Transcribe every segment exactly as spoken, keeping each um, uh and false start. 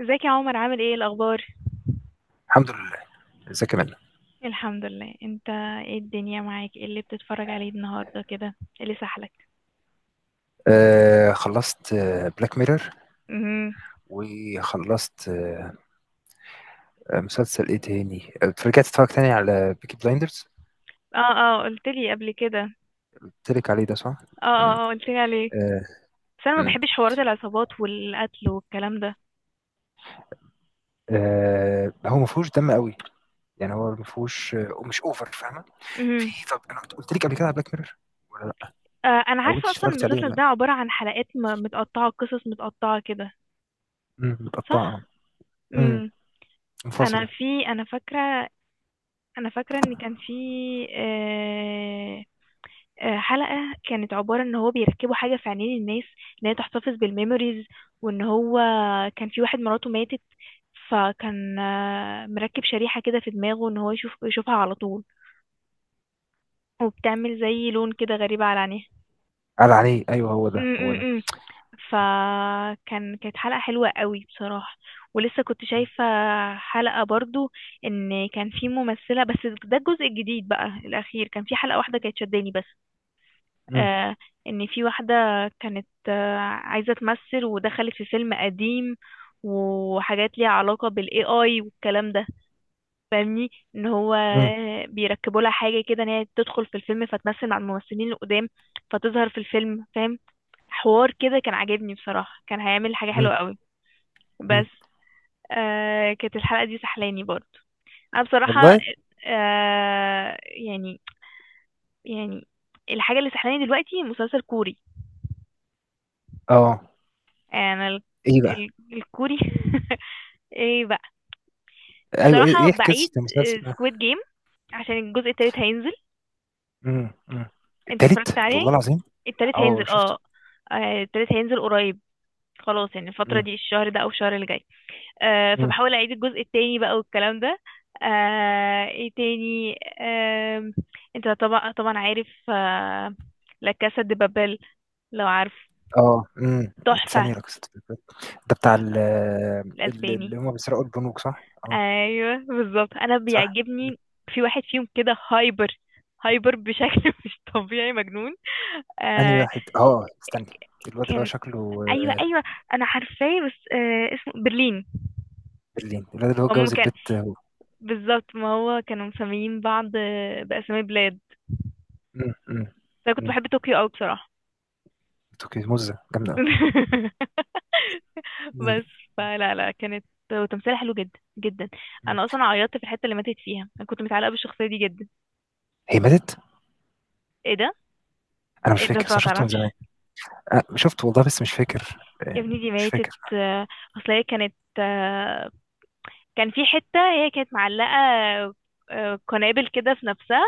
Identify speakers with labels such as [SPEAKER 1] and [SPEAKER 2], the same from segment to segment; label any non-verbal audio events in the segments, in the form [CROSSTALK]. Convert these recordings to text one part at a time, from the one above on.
[SPEAKER 1] ازيك يا عمر، عامل ايه؟ الاخبار؟
[SPEAKER 2] الحمد لله. ازيك يا منى؟
[SPEAKER 1] الحمد لله، انت. ايه الدنيا معاك؟ ايه اللي بتتفرج عليه النهارده كده؟ ايه اللي سحلك؟
[SPEAKER 2] آه، خلصت بلاك ميرور.
[SPEAKER 1] امم
[SPEAKER 2] وخلصت آه آه، مسلسل ايه تاني آه، رجعت اتفرج تاني على بيكي بلايندرز.
[SPEAKER 1] اه، اه قلت لي قبل كده.
[SPEAKER 2] قلت لك عليه ده صح؟
[SPEAKER 1] اه
[SPEAKER 2] مم.
[SPEAKER 1] اه اه قلت لي عليه.
[SPEAKER 2] آه.
[SPEAKER 1] بس انا ما
[SPEAKER 2] مم.
[SPEAKER 1] بحبش حوارات العصابات والقتل والكلام ده.
[SPEAKER 2] آه هو ما فيهوش دم قوي. يعني هو ما فيهوش آه مش اوفر، فاهمه؟
[SPEAKER 1] امم
[SPEAKER 2] في طب انا كنت قلت لك قبل كده على بلاك ميرور، ولا لا؟
[SPEAKER 1] آه، انا
[SPEAKER 2] او انت
[SPEAKER 1] عارفه اصلا
[SPEAKER 2] اتفرجت عليه ولا
[SPEAKER 1] المسلسل
[SPEAKER 2] لا؟
[SPEAKER 1] ده عباره عن حلقات م- متقطعه، قصص متقطعه كده.
[SPEAKER 2] مم، متقطعه.
[SPEAKER 1] صح.
[SPEAKER 2] مم،
[SPEAKER 1] امم انا
[SPEAKER 2] منفصله.
[SPEAKER 1] في انا فاكره انا فاكره ان كان في آه، آه، حلقة كانت عبارة ان هو بيركبوا حاجة في عينين الناس، ان هي تحتفظ بالميموريز. وان هو كان في واحد مراته ماتت، فكان آه، مركب شريحة كده في دماغه ان هو يشوف يشوفها على طول، وبتعمل زي لون كده غريب على عينيها.
[SPEAKER 2] قال عليه، ايوه، هو
[SPEAKER 1] م-
[SPEAKER 2] ده هو ده.
[SPEAKER 1] م- م. فكان كانت حلقة حلوة قوي بصراحة. ولسه كنت شايفة حلقة برضو، ان كان في ممثلة بس. ده الجزء الجديد بقى الاخير، كان في حلقة واحدة كانت شداني بس.
[SPEAKER 2] مم،
[SPEAKER 1] آه، ان في واحدة كانت آه، عايزة تمثل ودخلت في فيلم قديم، وحاجات ليها علاقة بالاي اي والكلام ده، فاهمني؟ ان هو
[SPEAKER 2] مم،
[SPEAKER 1] بيركبوا لها حاجة كده ان هي تدخل في الفيلم فتمثل مع الممثلين القدام، فتظهر في الفيلم، فاهم؟ حوار كده كان عاجبني بصراحة، كان هيعمل حاجة
[SPEAKER 2] مم،
[SPEAKER 1] حلوة قوي.
[SPEAKER 2] مم.
[SPEAKER 1] بس آه كانت الحلقة دي سحلاني برضه. انا بصراحة،
[SPEAKER 2] والله.
[SPEAKER 1] آه يعني، يعني الحاجة اللي سحلاني دلوقتي مسلسل كوري.
[SPEAKER 2] اه.
[SPEAKER 1] انا ال-
[SPEAKER 2] ايه بقى؟
[SPEAKER 1] ال- الكوري [LAUGHS] ايه بقى،
[SPEAKER 2] ايوه، ايه
[SPEAKER 1] بصراحة
[SPEAKER 2] إيه
[SPEAKER 1] بعيد.
[SPEAKER 2] قصه المسلسل ده؟
[SPEAKER 1] سكويد جيم، عشان الجزء التالت هينزل.
[SPEAKER 2] مم. مم.
[SPEAKER 1] انت اتفرجت
[SPEAKER 2] التالت
[SPEAKER 1] عليه؟
[SPEAKER 2] والله العظيم.
[SPEAKER 1] التالت
[SPEAKER 2] اه،
[SPEAKER 1] هينزل،
[SPEAKER 2] شفته.
[SPEAKER 1] اه. آه، التالت هينزل قريب، خلاص، يعني الفترة
[SPEAKER 2] مم.
[SPEAKER 1] دي، الشهر ده او الشهر اللي جاي. آه،
[SPEAKER 2] مم.
[SPEAKER 1] فبحاول اعيد الجزء التاني بقى والكلام ده. آه، ايه تاني؟ آم، انت طبعا طبعا عارف، آه، لا كاسا دي بابل، لو عارف.
[SPEAKER 2] اه. امم.
[SPEAKER 1] تحفة،
[SPEAKER 2] ثانيه لا قصه الفيلم. ده بتاع ال-
[SPEAKER 1] تحفة،
[SPEAKER 2] ال- اللي
[SPEAKER 1] الاسباني.
[SPEAKER 2] هم بيسرقوا البنوك، صح؟ اه.
[SPEAKER 1] ايوه بالظبط، انا
[SPEAKER 2] صح.
[SPEAKER 1] بيعجبني. في واحد فيهم كده هايبر، هايبر بشكل [LAUGHS] مش طبيعي، مجنون.
[SPEAKER 2] انهي
[SPEAKER 1] آه،
[SPEAKER 2] واحد اه استني. الواد اللي هو
[SPEAKER 1] كان
[SPEAKER 2] شكله
[SPEAKER 1] ايوه،
[SPEAKER 2] آه،
[SPEAKER 1] ايوه، انا عارفاه، بس آه اسمه برلين.
[SPEAKER 2] برلين الواد اللي هو
[SPEAKER 1] ماما،
[SPEAKER 2] اتجوز
[SPEAKER 1] كان
[SPEAKER 2] البت هو.
[SPEAKER 1] بالظبط. ما هو كانوا مسميين بعض، آه، باسامي بلاد.
[SPEAKER 2] مم. مم.
[SPEAKER 1] فانا كنت
[SPEAKER 2] مم.
[SPEAKER 1] بحب طوكيو قوي بصراحه.
[SPEAKER 2] توكي موزة جامدة أوي.
[SPEAKER 1] [LAUGHS]
[SPEAKER 2] مم.
[SPEAKER 1] بس فلا، لا، كانت، وتمثيلها حلو جدا جدا.
[SPEAKER 2] مم.
[SPEAKER 1] انا اصلا عيطت في الحته اللي ماتت فيها، انا كنت متعلقه بالشخصيه دي جدا.
[SPEAKER 2] هي ماتت؟
[SPEAKER 1] ايه ده،
[SPEAKER 2] أنا مش
[SPEAKER 1] ايه ده،
[SPEAKER 2] فاكر،
[SPEAKER 1] انت
[SPEAKER 2] بس
[SPEAKER 1] ما
[SPEAKER 2] أنا شفته من
[SPEAKER 1] تعرفش؟
[SPEAKER 2] زمان. أه شفته والله، بس مش فاكر.
[SPEAKER 1] يا
[SPEAKER 2] آه.
[SPEAKER 1] ابني دي
[SPEAKER 2] مش
[SPEAKER 1] ماتت.
[SPEAKER 2] فاكر.
[SPEAKER 1] آه، اصل هي كانت، آه، كان في حتة هي كانت معلقة آه، قنابل كده في نفسها،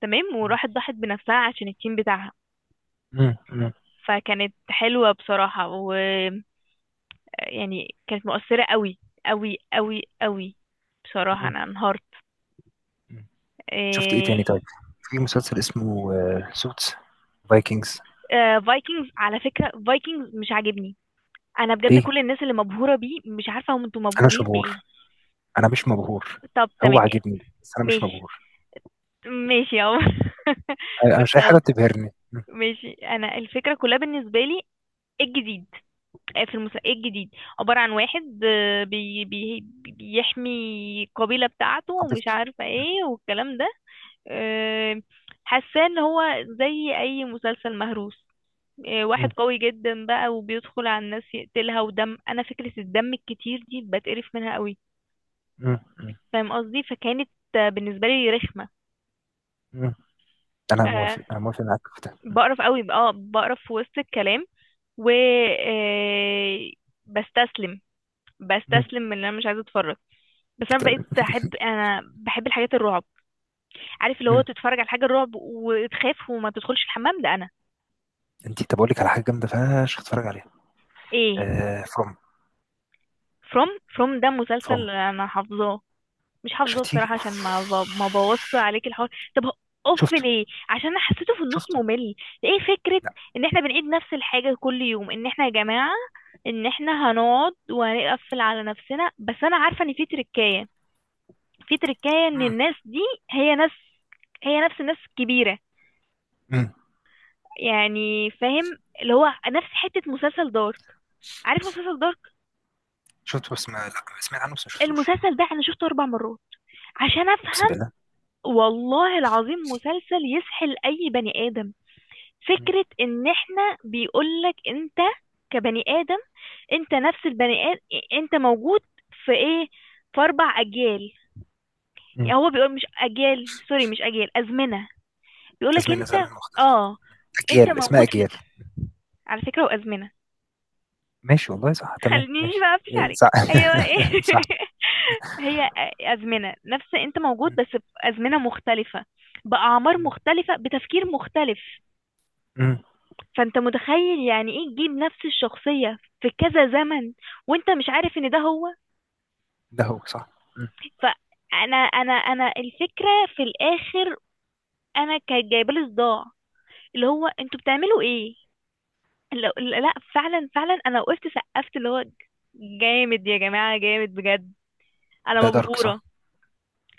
[SPEAKER 1] تمام،
[SPEAKER 2] مم.
[SPEAKER 1] وراحت ضحت بنفسها عشان التيم بتاعها.
[SPEAKER 2] مم. مم.
[SPEAKER 1] فكانت حلوة بصراحة، ويعني كانت مؤثرة قوي، قوي قوي قوي. بصراحة انا انهارت.
[SPEAKER 2] مم. شفت إيه تاني
[SPEAKER 1] إيه...
[SPEAKER 2] طيب؟ في مسلسل اسمه آه، سوتس. فايكنجز.
[SPEAKER 1] آه، فايكنجز، على فكرة فايكنجز مش عاجبني. انا بجد
[SPEAKER 2] ليه؟
[SPEAKER 1] كل الناس اللي مبهورة بيه، مش عارفة هم انتوا
[SPEAKER 2] أنا مش
[SPEAKER 1] مبهورين
[SPEAKER 2] مبهور.
[SPEAKER 1] بايه.
[SPEAKER 2] أنا مش مبهور.
[SPEAKER 1] طب
[SPEAKER 2] هو
[SPEAKER 1] تمام،
[SPEAKER 2] عاجبني بس أنا مش
[SPEAKER 1] ماشي،
[SPEAKER 2] مبهور.
[SPEAKER 1] ماشي يا عمر. [LAUGHS]
[SPEAKER 2] أنا مش
[SPEAKER 1] بص،
[SPEAKER 2] أي
[SPEAKER 1] هو،
[SPEAKER 2] حاجة بتبهرني. مم.
[SPEAKER 1] ماشي، انا الفكره كلها بالنسبه لي، ايه الجديد؟ آه، في المسا، ايه الجديد؟ عباره عن واحد آه، بي بي بيحمي القبيله بتاعته، ومش
[SPEAKER 2] قبلته.
[SPEAKER 1] عارفه ايه والكلام ده. آه، حاساه ان هو زي اي مسلسل مهروس، آه، واحد
[SPEAKER 2] مم.
[SPEAKER 1] قوي جدا بقى وبيدخل على الناس يقتلها، ودم. انا فكره الدم الكتير دي بتقرف منها قوي،
[SPEAKER 2] مم. مم.
[SPEAKER 1] فاهم قصدي؟ فكانت آه، بالنسبه لي رخمه.
[SPEAKER 2] مم. أنا
[SPEAKER 1] آه،
[SPEAKER 2] موافق، أنا موافق معاك في ده. مم.
[SPEAKER 1] بقرف قوي، اه بقرف في وسط الكلام و آه، بستسلم،
[SPEAKER 2] مم.
[SPEAKER 1] بستسلم من ان انا مش عايزه اتفرج. بس انا بقيت
[SPEAKER 2] طيب.
[SPEAKER 1] احب انا بحب الحاجات الرعب. عارف اللي هو
[SPEAKER 2] مم.
[SPEAKER 1] تتفرج على حاجه الرعب وتخاف وما تدخلش الحمام ده، انا.
[SPEAKER 2] أنت، طب أقول لك على حاجة جامدة فشخ، اتفرج عليها.
[SPEAKER 1] ايه؟
[SPEAKER 2] آه فروم.
[SPEAKER 1] فروم؟ فروم ده مسلسل
[SPEAKER 2] فروم.
[SPEAKER 1] انا حافظاه. مش حافظه
[SPEAKER 2] شفتيه؟
[SPEAKER 1] بصراحه، عشان ما ب... ما بوص عليك الحوار. طب هو- اوف،
[SPEAKER 2] شفته.
[SPEAKER 1] ليه؟ عشان انا حسيته في النص
[SPEAKER 2] شفته.
[SPEAKER 1] ممل. ايه فكره
[SPEAKER 2] لا.
[SPEAKER 1] ان احنا بنعيد نفس الحاجه كل يوم، ان احنا يا جماعه، ان احنا هنقعد وهنقفل على نفسنا. بس انا عارفه ان في تركايه، في تركايه ان
[SPEAKER 2] مم.
[SPEAKER 1] الناس دي، هي ناس هي نفس الناس الكبيره.
[SPEAKER 2] مم.
[SPEAKER 1] يعني فاهم اللي هو نفس حته مسلسل دارك. عارف مسلسل دارك؟
[SPEAKER 2] شفته بس ما لا سمعت عنه، بس ما شفتوش.
[SPEAKER 1] المسلسل ده انا شفته اربع مرات عشان
[SPEAKER 2] أقسم
[SPEAKER 1] افهم.
[SPEAKER 2] بالله.
[SPEAKER 1] والله العظيم مسلسل يسحل اي بني ادم.
[SPEAKER 2] مم.
[SPEAKER 1] فكرة ان احنا، بيقولك انت كبني ادم، انت نفس البني ادم، انت موجود في ايه، في اربع اجيال.
[SPEAKER 2] مم.
[SPEAKER 1] يعني هو بيقول، مش اجيال، سوري، مش اجيال، ازمنة. بيقولك
[SPEAKER 2] أزمنة
[SPEAKER 1] انت،
[SPEAKER 2] زمن مختلف.
[SPEAKER 1] اه، انت
[SPEAKER 2] أجيال اسمها
[SPEAKER 1] موجود في،
[SPEAKER 2] أجيال.
[SPEAKER 1] على فكرة، وازمنة.
[SPEAKER 2] ماشي والله، صح، تمام،
[SPEAKER 1] خلينيش
[SPEAKER 2] ماشي.
[SPEAKER 1] بقى اقفش
[SPEAKER 2] إيه،
[SPEAKER 1] عليك.
[SPEAKER 2] صح.
[SPEAKER 1] هي بقى
[SPEAKER 2] [LAUGHS]
[SPEAKER 1] ايه؟
[SPEAKER 2] صح.
[SPEAKER 1] [LAUGHS] هي، ازمنة، نفس، انت موجود
[SPEAKER 2] مم،
[SPEAKER 1] بس بازمنة مختلفة، باعمار
[SPEAKER 2] مم،
[SPEAKER 1] مختلفة، بتفكير مختلف.
[SPEAKER 2] مم.
[SPEAKER 1] فانت متخيل يعني ايه تجيب نفس الشخصية في كذا زمن، وانت مش عارف ان ده هو.
[SPEAKER 2] ده هو صح. مم.
[SPEAKER 1] فانا انا انا الفكرة في الاخر، انا كانت جايبه لي صداع. اللي هو انتوا بتعملوا ايه؟ لا، لا، فعلا فعلا، انا وقفت سقفت، اللي هو جامد يا جماعة، جامد بجد، انا
[SPEAKER 2] ده دارك صح.
[SPEAKER 1] مبهورة.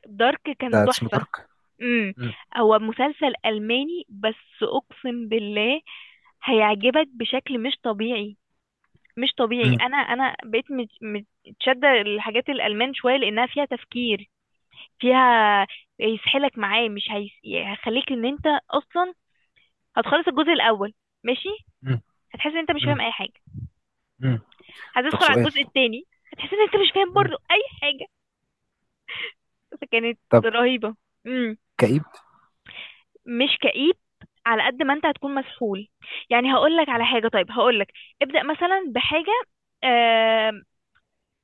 [SPEAKER 1] دارك
[SPEAKER 2] ده
[SPEAKER 1] كان
[SPEAKER 2] اسمه
[SPEAKER 1] تحفة.
[SPEAKER 2] دارك.
[SPEAKER 1] امم
[SPEAKER 2] مم،
[SPEAKER 1] هو مسلسل ألماني، بس اقسم بالله هيعجبك بشكل مش طبيعي، مش طبيعي.
[SPEAKER 2] مم،
[SPEAKER 1] انا انا بقيت مت- متشده الحاجات الالمان شويه، لانها فيها تفكير، فيها، يسحلك معاه. مش هيس... هيخليك ان انت اصلا، هتخلص الجزء الاول، ماشي،
[SPEAKER 2] مم،
[SPEAKER 1] هتحس ان انت مش فاهم
[SPEAKER 2] مم،
[SPEAKER 1] اي حاجه.
[SPEAKER 2] مم. طب
[SPEAKER 1] هتدخل على
[SPEAKER 2] سؤال.
[SPEAKER 1] الجزء التاني، هتحس ان انت مش فاهم
[SPEAKER 2] مم.
[SPEAKER 1] برضه اي حاجه. فكانت
[SPEAKER 2] طب.
[SPEAKER 1] رهيبه. امم
[SPEAKER 2] كئيب.
[SPEAKER 1] مش كئيب، على قد ما انت هتكون مسحول. يعني هقول لك على
[SPEAKER 2] مم،
[SPEAKER 1] حاجه، طيب، هقول لك ابدأ مثلا بحاجه آه،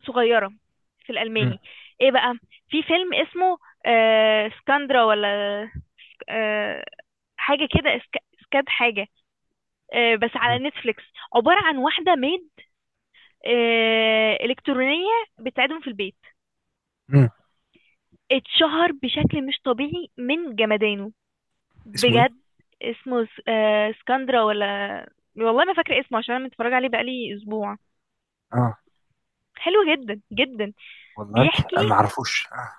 [SPEAKER 1] صغيرة في
[SPEAKER 2] مم،
[SPEAKER 1] الألماني. ايه بقى، في فيلم اسمه آه سكاندرا، ولا آه حاجة كده، اسك- سكاد حاجة، آه بس
[SPEAKER 2] مم،
[SPEAKER 1] على نتفليكس. عبارة عن واحدة ميد آه إلكترونية، بتساعدهم في البيت.
[SPEAKER 2] مم.
[SPEAKER 1] اتشهر بشكل مش طبيعي من جمدانه،
[SPEAKER 2] اسمه ايه؟
[SPEAKER 1] بجد. اسمه س- آه سكاندرا، ولا، والله ما فاكرة اسمه، عشان انا متفرجة عليه بقالي اسبوع.
[SPEAKER 2] اه.
[SPEAKER 1] حلو جدا جدا.
[SPEAKER 2] والله.
[SPEAKER 1] بيحكي،
[SPEAKER 2] آه، ما اعرفوش اه.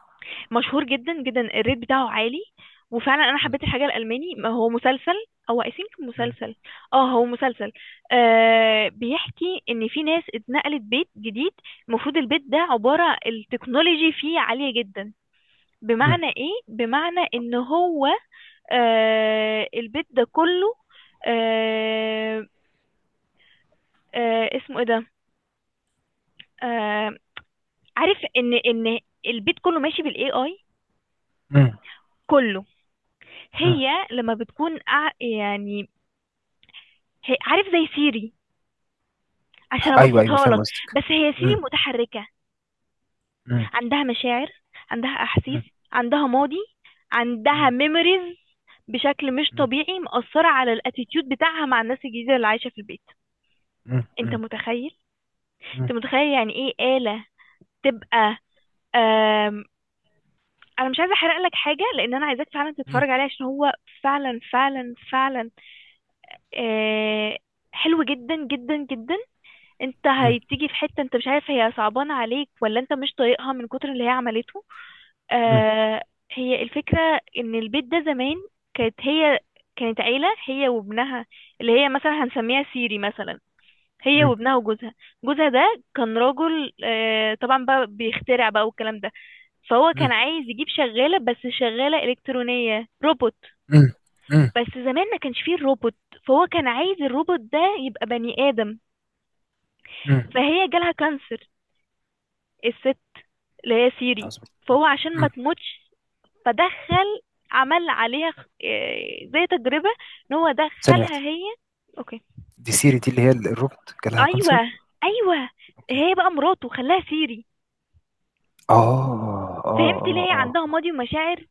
[SPEAKER 1] مشهور جدا جدا، الريت بتاعه عالي. وفعلا انا
[SPEAKER 2] مم،
[SPEAKER 1] حبيت الحاجه الالماني. ما هو مسلسل، او اي ثينك
[SPEAKER 2] مم،
[SPEAKER 1] مسلسل. اه هو مسلسل. آه بيحكي ان في ناس اتنقلت بيت جديد. المفروض البيت ده عباره التكنولوجي فيه عاليه جدا.
[SPEAKER 2] مم،
[SPEAKER 1] بمعنى ايه؟ بمعنى ان هو، آه البيت ده كله، آه آه اسمه ايه ده، آه عارف، ان ان البيت كله ماشي بالاي اي،
[SPEAKER 2] مم،
[SPEAKER 1] كله.
[SPEAKER 2] مم.
[SPEAKER 1] هي لما بتكون قاع- يعني، هي، عارف، زي سيري، عشان
[SPEAKER 2] ايوه ايوه،
[SPEAKER 1] ابسطها لك،
[SPEAKER 2] فاهم قصدك.
[SPEAKER 1] بس هي سيري
[SPEAKER 2] مم،
[SPEAKER 1] متحركة.
[SPEAKER 2] مم،
[SPEAKER 1] عندها مشاعر، عندها احاسيس،
[SPEAKER 2] مم،
[SPEAKER 1] عندها ماضي، عندها
[SPEAKER 2] مم،
[SPEAKER 1] ميموريز، بشكل مش
[SPEAKER 2] مم،
[SPEAKER 1] طبيعي مأثرة على الاتيتيود بتاعها مع الناس الجديدة اللي عايشة في البيت.
[SPEAKER 2] مم،
[SPEAKER 1] انت
[SPEAKER 2] مم،
[SPEAKER 1] متخيل، انت
[SPEAKER 2] مم،
[SPEAKER 1] متخيل يعني ايه آلة تبقى آم... انا مش عايزة احرق لك حاجة، لان انا عايزاك فعلا تتفرج عليه، عشان هو فعلا فعلا فعلا آه... حلو جدا جدا جدا. انت
[SPEAKER 2] مم،
[SPEAKER 1] هتيجي في حتة انت مش عارف هي صعبانة عليك ولا انت مش طايقها من كتر اللي هي عملته. آه هي الفكرة، ان البيت ده زمان، كانت هي، كانت عيلة هي وابنها، اللي هي مثلا هنسميها سيري مثلا، هي
[SPEAKER 2] مم،
[SPEAKER 1] وابنها وجوزها. جوزها ده كان راجل، آه طبعا بقى، بيخترع بقى والكلام ده، فهو
[SPEAKER 2] مم،
[SPEAKER 1] كان عايز يجيب شغالة، بس شغالة إلكترونية، روبوت.
[SPEAKER 2] إمم، إمم،
[SPEAKER 1] بس زمان ما كانش فيه الروبوت، فهو كان عايز الروبوت ده يبقى بني آدم.
[SPEAKER 2] إمم،
[SPEAKER 1] فهي جالها كانسر، الست، اللي هي سيري.
[SPEAKER 2] عظيم، إمم،
[SPEAKER 1] فهو عشان ما
[SPEAKER 2] إمم،
[SPEAKER 1] تموتش، فدخل، عمل عليها، خ- إيه، زي تجربة، ان هو
[SPEAKER 2] ثانية واحدة،
[SPEAKER 1] دخلها هي، اوكي،
[SPEAKER 2] دي سيري دي اللي هي ال الروبوت جالها
[SPEAKER 1] ايوه،
[SPEAKER 2] كانسر؟
[SPEAKER 1] ايوه.
[SPEAKER 2] أوكي،
[SPEAKER 1] هي بقى مراته، خلاها سيري.
[SPEAKER 2] آه، آه،
[SPEAKER 1] فهمت ليه
[SPEAKER 2] آه،
[SPEAKER 1] هي
[SPEAKER 2] آه، آه،
[SPEAKER 1] عندها ماضي ومشاعر؟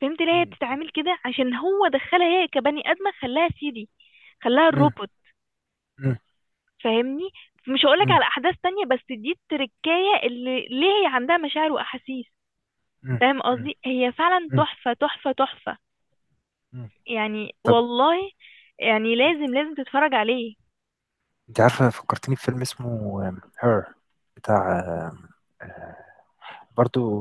[SPEAKER 1] فهمت ليه هي
[SPEAKER 2] إمم،
[SPEAKER 1] بتتعامل كده؟ عشان هو دخلها هي كبني ادمه، خلاها سيري، خلاها
[SPEAKER 2] إمم،
[SPEAKER 1] الروبوت،
[SPEAKER 2] إمم،
[SPEAKER 1] فاهمني؟ مش هقولك
[SPEAKER 2] إمم،
[SPEAKER 1] على احداث تانية، بس دي التركية اللي ليه هي عندها مشاعر واحاسيس،
[SPEAKER 2] إمم،
[SPEAKER 1] فاهم
[SPEAKER 2] إمم،
[SPEAKER 1] قصدي؟ هي فعلا
[SPEAKER 2] إمم،
[SPEAKER 1] تحفة، تحفة، تحفة،
[SPEAKER 2] إمم،
[SPEAKER 1] يعني
[SPEAKER 2] طب.
[SPEAKER 1] والله. يعني لازم لازم تتفرج عليه.
[SPEAKER 2] أنتِ عارفة، فكّرتيني بفيلم اسمه Her، بتاع آآ برضه،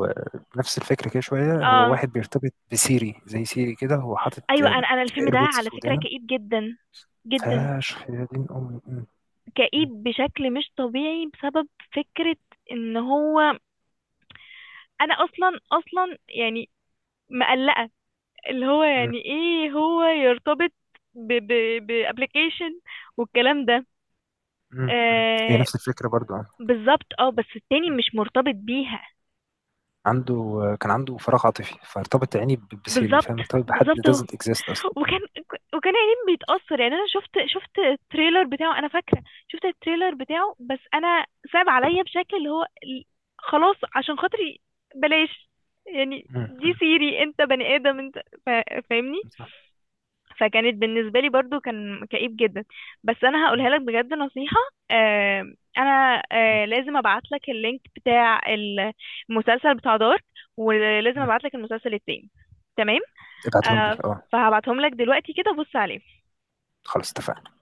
[SPEAKER 2] نفس الفكرة كده شوية، هو
[SPEAKER 1] اه،
[SPEAKER 2] واحد بيرتبط بسيري، زي سيري كده هو حاطط
[SPEAKER 1] ايوه،
[SPEAKER 2] آمم
[SPEAKER 1] انا انا الفيلم ده
[SPEAKER 2] AirPods
[SPEAKER 1] على
[SPEAKER 2] في
[SPEAKER 1] فكرة
[SPEAKER 2] ودانه.
[SPEAKER 1] كئيب جدا جدا،
[SPEAKER 2] فشخ يا دين أمي! إمم، إمم،
[SPEAKER 1] كئيب بشكل مش طبيعي، بسبب فكرة ان هو، انا اصلا اصلا يعني مقلقة، اللي هو
[SPEAKER 2] إمم،
[SPEAKER 1] يعني ايه هو يرتبط ب ب بابليكيشن والكلام ده.
[SPEAKER 2] إمم، إمم، هي
[SPEAKER 1] آه
[SPEAKER 2] نفس الفكرة برضه.
[SPEAKER 1] بالظبط، اه بس التاني
[SPEAKER 2] آه.
[SPEAKER 1] مش مرتبط بيها.
[SPEAKER 2] عنده. كان عنده فراغ عاطفي، فارتبط عيني ب- بسيري،
[SPEAKER 1] بالظبط،
[SPEAKER 2] فاهم، ارتبط بحد
[SPEAKER 1] بالظبط اهو.
[SPEAKER 2] doesn't exist اصلا.
[SPEAKER 1] وكان وكان يعني بيتأثر، يعني انا شفت شفت التريلر بتاعه، انا فاكرة، شفت التريلر بتاعه، بس انا صعب عليا بشكل اللي هو ال- خلاص عشان خاطري، بلاش. يعني
[SPEAKER 2] م-
[SPEAKER 1] دي
[SPEAKER 2] م-
[SPEAKER 1] سيري، انت بني ادم انت، فا- فاهمني؟
[SPEAKER 2] م- صح.
[SPEAKER 1] فكانت بالنسبة لي برضو كان كئيب جدا. بس انا هقولها
[SPEAKER 2] م-
[SPEAKER 1] لك بجد نصيحة. آه انا آه لازم ابعت لك اللينك بتاع المسلسل بتاع دارك، ولازم
[SPEAKER 2] م-
[SPEAKER 1] ابعت لك المسلسل التاني، تمام؟
[SPEAKER 2] ابعتهم لي،
[SPEAKER 1] آه
[SPEAKER 2] اه.
[SPEAKER 1] فهبعتهم لك دلوقتي، كده بص عليهم.
[SPEAKER 2] خلاص، اتفقنا.